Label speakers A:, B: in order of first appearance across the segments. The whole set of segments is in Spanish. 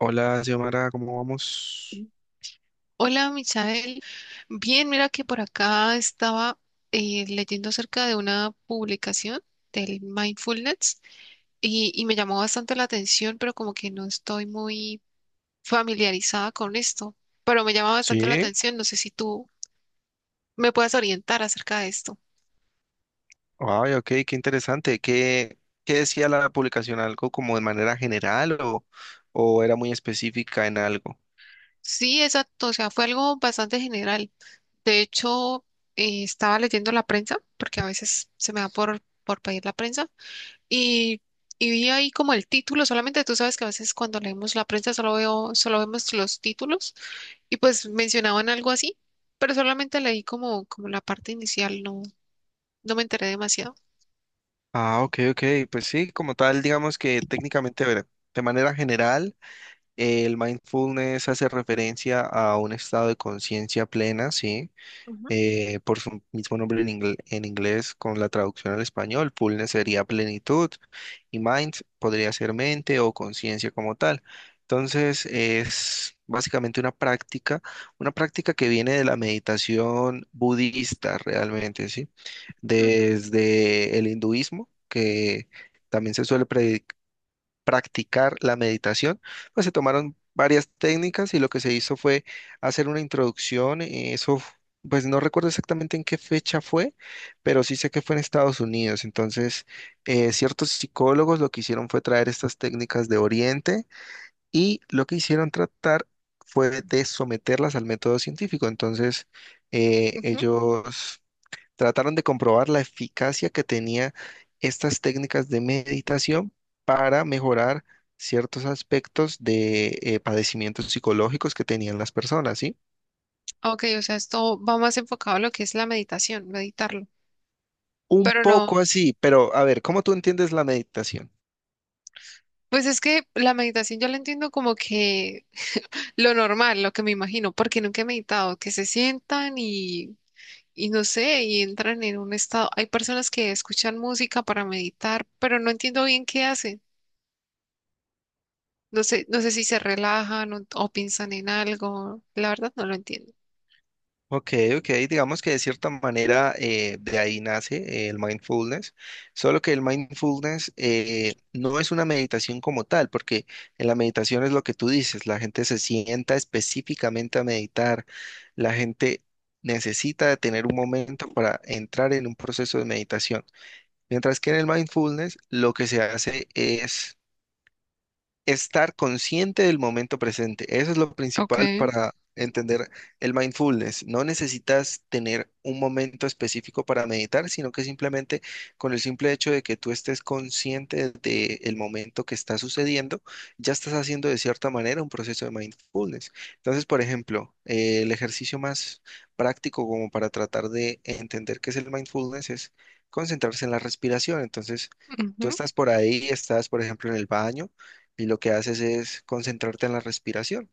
A: Hola, Xiomara, ¿cómo vamos?
B: Hola, Michael. Bien, mira que por acá estaba leyendo acerca de una publicación del mindfulness y me llamó bastante la atención, pero como que no estoy muy familiarizada con esto, pero me llama bastante la
A: Sí,
B: atención. No sé si tú me puedes orientar acerca de esto.
A: ay, ok, qué interesante. ¿Qué, qué decía la publicación? ¿Algo como de manera general o era muy específica en algo?
B: Sí, exacto. O sea, fue algo bastante general. De hecho, estaba leyendo la prensa, porque a veces se me da por pedir la prensa. Y, y vi ahí como el título, solamente tú sabes que a veces cuando leemos la prensa solo vemos los títulos y pues mencionaban algo así, pero solamente leí como la parte inicial, no, no me enteré demasiado.
A: Ah, ok, ok, pues sí, como tal, digamos que técnicamente, a ver, de manera general, el mindfulness hace referencia a un estado de conciencia plena, sí,
B: Ujú,
A: por su mismo nombre en, en inglés con la traducción al español. Fullness sería plenitud y mind podría ser mente o conciencia como tal. Entonces es básicamente una práctica que viene de la meditación budista realmente, ¿sí?
B: ujú.
A: Desde el hinduismo, que también se suele predicar practicar la meditación, pues se tomaron varias técnicas y lo que se hizo fue hacer una introducción. Pues no recuerdo exactamente en qué fecha fue, pero sí sé que fue en Estados Unidos. Entonces, ciertos psicólogos lo que hicieron fue traer estas técnicas de Oriente y lo que hicieron tratar fue de someterlas al método científico. Entonces,
B: Ujú.
A: ellos trataron de comprobar la eficacia que tenía estas técnicas de meditación para mejorar ciertos aspectos de padecimientos psicológicos que tenían las personas, ¿sí?
B: Ok, o sea, esto va más enfocado a lo que es la meditación, meditarlo.
A: Un
B: Pero
A: poco
B: no,
A: así, pero a ver, ¿cómo tú entiendes la meditación?
B: pues es que la meditación yo la entiendo como que lo normal, lo que me imagino, porque nunca he meditado, que se sientan y no sé, y entran en un estado. Hay personas que escuchan música para meditar, pero no entiendo bien qué hacen. No sé, no sé si se relajan o piensan en algo. La verdad no lo entiendo.
A: Ok, ok, digamos que de cierta manera de ahí nace el mindfulness, solo que el mindfulness no es una meditación como tal, porque en la meditación es lo que tú dices, la gente se sienta específicamente a meditar, la gente necesita tener un momento para entrar en un proceso de meditación, mientras que en el mindfulness lo que se hace es estar consciente del momento presente. Eso es lo
B: Ok,
A: principal para entender el mindfulness. No necesitas tener un momento específico para meditar, sino que simplemente con el simple hecho de que tú estés consciente del momento que está sucediendo, ya estás haciendo de cierta manera un proceso de mindfulness. Entonces, por ejemplo, el ejercicio más práctico como para tratar de entender qué es el mindfulness es concentrarse en la respiración. Entonces, tú
B: ujú,
A: estás por ahí, estás, por ejemplo, en el baño y lo que haces es concentrarte en la respiración.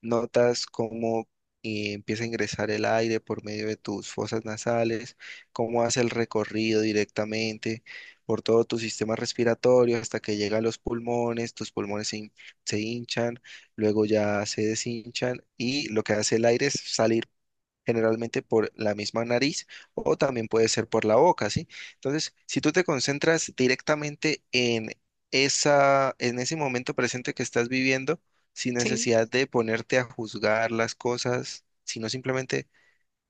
A: Notas cómo empieza a ingresar el aire por medio de tus fosas nasales, cómo hace el recorrido directamente por todo tu sistema respiratorio hasta que llega a los pulmones, tus pulmones se hinchan, luego ya se deshinchan y lo que hace el aire es salir generalmente por la misma nariz o también puede ser por la boca, ¿sí? Entonces, si tú te concentras directamente en en ese momento presente que estás viviendo, sin
B: sí,
A: necesidad de ponerte a juzgar las cosas, sino simplemente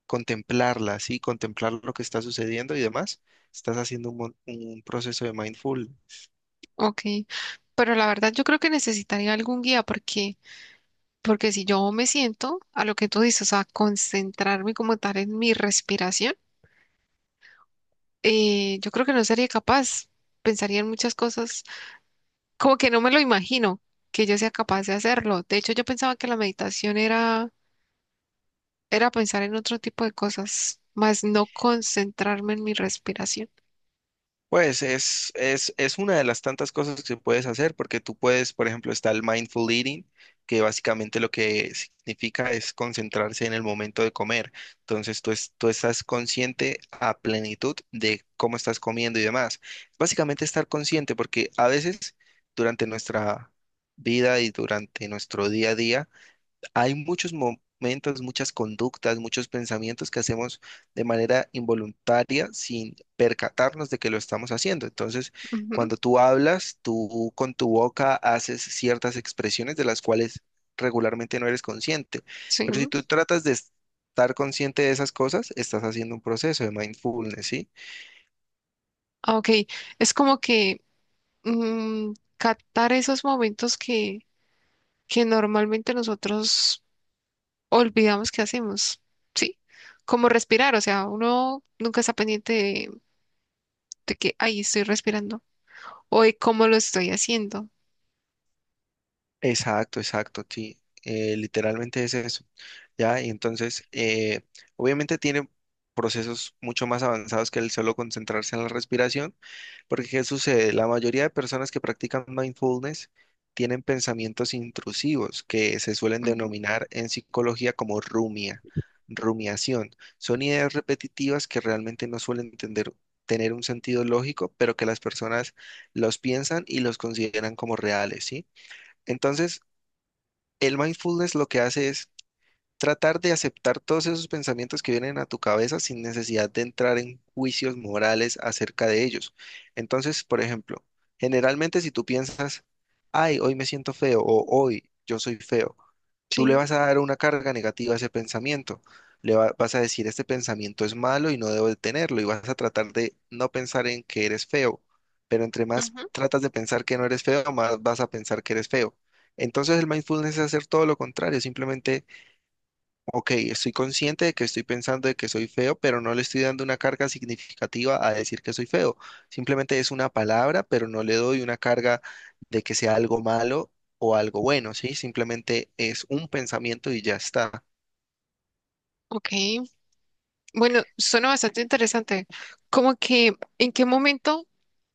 A: contemplarlas, ¿sí? Contemplar lo que está sucediendo y demás, estás haciendo un proceso de mindfulness.
B: ok. Pero la verdad yo creo que necesitaría algún guía porque si yo me siento a lo que tú dices, a concentrarme como tal en mi respiración, yo creo que no sería capaz. Pensaría en muchas cosas como que no me lo imagino que yo sea capaz de hacerlo. De hecho, yo pensaba que la meditación era pensar en otro tipo de cosas, más no concentrarme en mi respiración.
A: Pues es una de las tantas cosas que puedes hacer, porque tú puedes, por ejemplo, está el mindful eating, que básicamente lo que significa es concentrarse en el momento de comer. Entonces tú estás consciente a plenitud de cómo estás comiendo y demás. Básicamente estar consciente, porque a veces durante nuestra vida y durante nuestro día a día, hay muchos momentos, muchas conductas, muchos pensamientos que hacemos de manera involuntaria sin percatarnos de que lo estamos haciendo. Entonces,
B: Ujú,
A: cuando tú hablas, tú con tu boca haces ciertas expresiones de las cuales regularmente no eres consciente.
B: sí.
A: Pero si tú tratas de estar consciente de esas cosas, estás haciendo un proceso de mindfulness, ¿sí?
B: Ah, ok, es como que captar esos momentos que normalmente nosotros olvidamos que hacemos, ¿sí? Como respirar, o sea, uno nunca está pendiente de que ahí estoy respirando o de cómo lo estoy haciendo.
A: Exacto, exacto, sí. Literalmente es eso. Ya, y entonces, obviamente tiene procesos mucho más avanzados que el solo concentrarse en la respiración, porque ¿qué sucede? La mayoría de personas que practican mindfulness tienen pensamientos intrusivos que se suelen
B: Ujú,
A: denominar en psicología como rumia, rumiación. Son ideas repetitivas que realmente no suelen tener un sentido lógico, pero que las personas los piensan y los consideran como reales, ¿sí? Entonces, el mindfulness lo que hace es tratar de aceptar todos esos pensamientos que vienen a tu cabeza sin necesidad de entrar en juicios morales acerca de ellos. Entonces, por ejemplo, generalmente si tú piensas, ay, hoy me siento feo o hoy yo soy feo,
B: sí.
A: tú le vas a dar una carga negativa a ese pensamiento. Vas a decir, este pensamiento es malo y no debo de tenerlo. Y vas a tratar de no pensar en que eres feo. Pero entre más
B: Ujú,
A: tratas de pensar que no eres feo, más vas a pensar que eres feo. Entonces el mindfulness es hacer todo lo contrario, simplemente ok, estoy consciente de que estoy pensando de que soy feo, pero no le estoy dando una carga significativa a decir que soy feo. Simplemente es una palabra, pero no le doy una carga de que sea algo malo o algo bueno, ¿sí? Simplemente es un pensamiento y ya está.
B: ok. Bueno, suena bastante interesante. Como que,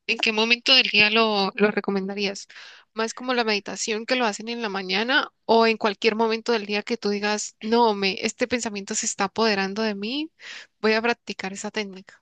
B: en qué momento del día lo recomendarías? ¿Más como la meditación que lo hacen en la mañana o en cualquier momento del día que tú digas, no, me, este pensamiento se está apoderando de mí, voy a practicar esa técnica?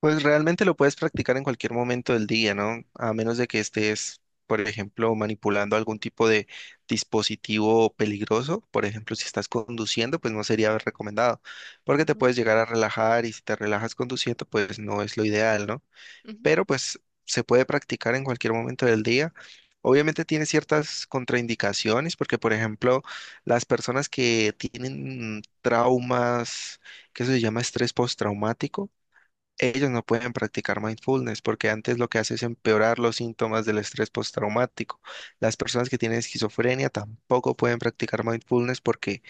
A: Pues realmente lo puedes practicar en cualquier momento del día, ¿no? A menos de que estés, por ejemplo, manipulando algún tipo de dispositivo peligroso. Por ejemplo, si estás conduciendo, pues no sería recomendado, porque te puedes llegar a relajar y si te relajas conduciendo, pues no es lo ideal, ¿no?
B: Ujú,
A: Pero pues se puede practicar en cualquier momento del día. Obviamente tiene ciertas contraindicaciones, porque por ejemplo, las personas que tienen traumas, que eso se llama estrés postraumático, ellos no pueden practicar mindfulness porque antes lo que hace es empeorar los síntomas del estrés postraumático. Las personas que tienen esquizofrenia tampoco pueden practicar mindfulness porque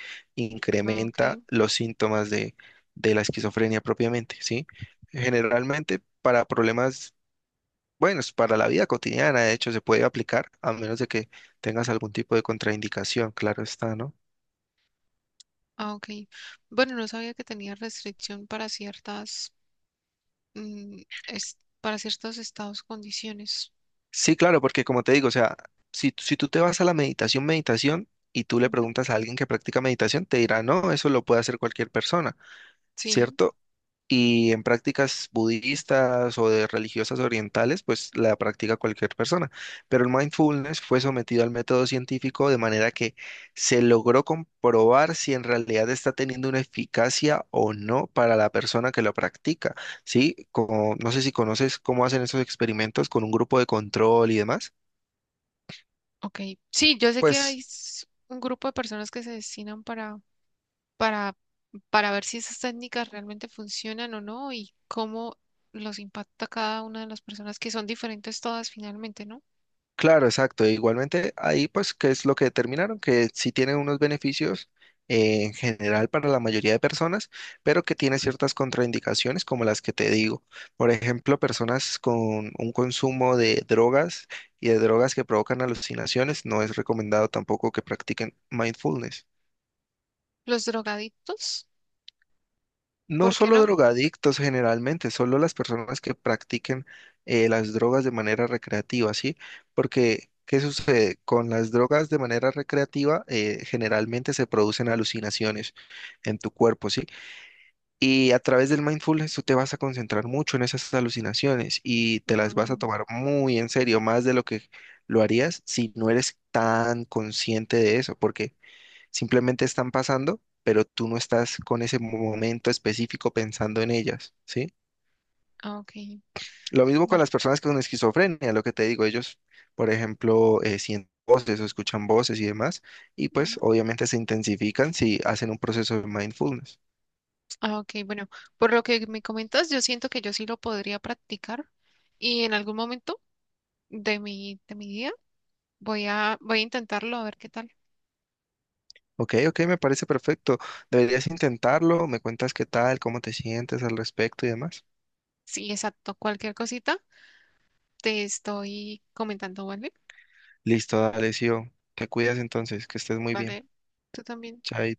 B: ah, ok,
A: incrementa los síntomas de la esquizofrenia propiamente, ¿sí? Generalmente para problemas, bueno, es para la vida cotidiana, de hecho, se puede aplicar a menos de que tengas algún tipo de contraindicación, claro está, ¿no?
B: ah, ok. Bueno, no sabía que tenía restricción para ciertas, es- para ciertos estados, condiciones.
A: Sí, claro, porque como te digo, o sea, si tú te vas a la meditación, meditación, y tú le
B: Ujú,
A: preguntas a alguien que practica meditación, te dirá, no, eso lo puede hacer cualquier persona,
B: sí,
A: ¿cierto? Y en prácticas budistas o de religiosas orientales, pues la practica cualquier persona. Pero el mindfulness fue sometido al método científico de manera que se logró comprobar si en realidad está teniendo una eficacia o no para la persona que lo practica, ¿sí? Como, no sé si conoces cómo hacen esos experimentos con un grupo de control y demás.
B: ok. Sí, yo sé que hay
A: Pues
B: s- un grupo de personas que se destinan para, para ver si esas técnicas realmente funcionan o no y cómo los impacta cada una de las personas, que son diferentes todas finalmente, ¿no?
A: claro, exacto. E igualmente ahí pues qué es lo que determinaron, que sí tiene unos beneficios en general para la mayoría de personas, pero que tiene ciertas contraindicaciones como las que te digo. Por ejemplo, personas con un consumo de drogas y de drogas que provocan alucinaciones, no es recomendado tampoco que practiquen mindfulness.
B: Los drogadictos,
A: No
B: ¿por qué
A: solo
B: no?
A: drogadictos generalmente, solo las personas que practiquen las drogas de manera recreativa, ¿sí? Porque, ¿qué sucede? Con las drogas de manera recreativa, generalmente se producen alucinaciones en tu cuerpo, ¿sí? Y a través del mindfulness tú te vas a concentrar mucho en esas alucinaciones y te las vas a
B: Mm,
A: tomar muy en serio, más de lo que lo harías si no eres tan consciente de eso, porque simplemente están pasando, pero tú no estás con ese momento específico pensando en ellas, ¿sí?
B: ah, ok,
A: Lo mismo con
B: vale.
A: las personas con esquizofrenia, lo que te digo, ellos, por ejemplo, sienten voces o escuchan voces y demás, y pues obviamente se intensifican si hacen un proceso de mindfulness.
B: Ah, ok, bueno, por lo que me comentas, yo siento que yo sí lo podría practicar y en algún momento de mi día voy a, voy a intentarlo a ver qué tal.
A: Ok, ok, me parece perfecto. Deberías intentarlo, me cuentas qué tal, cómo te sientes al respecto y demás.
B: Sí, exacto, cualquier cosita te estoy comentando, ¿vale?
A: Listo, dale, Sio. Te cuidas entonces, que estés muy bien.
B: Vale, tú también.
A: Chaito.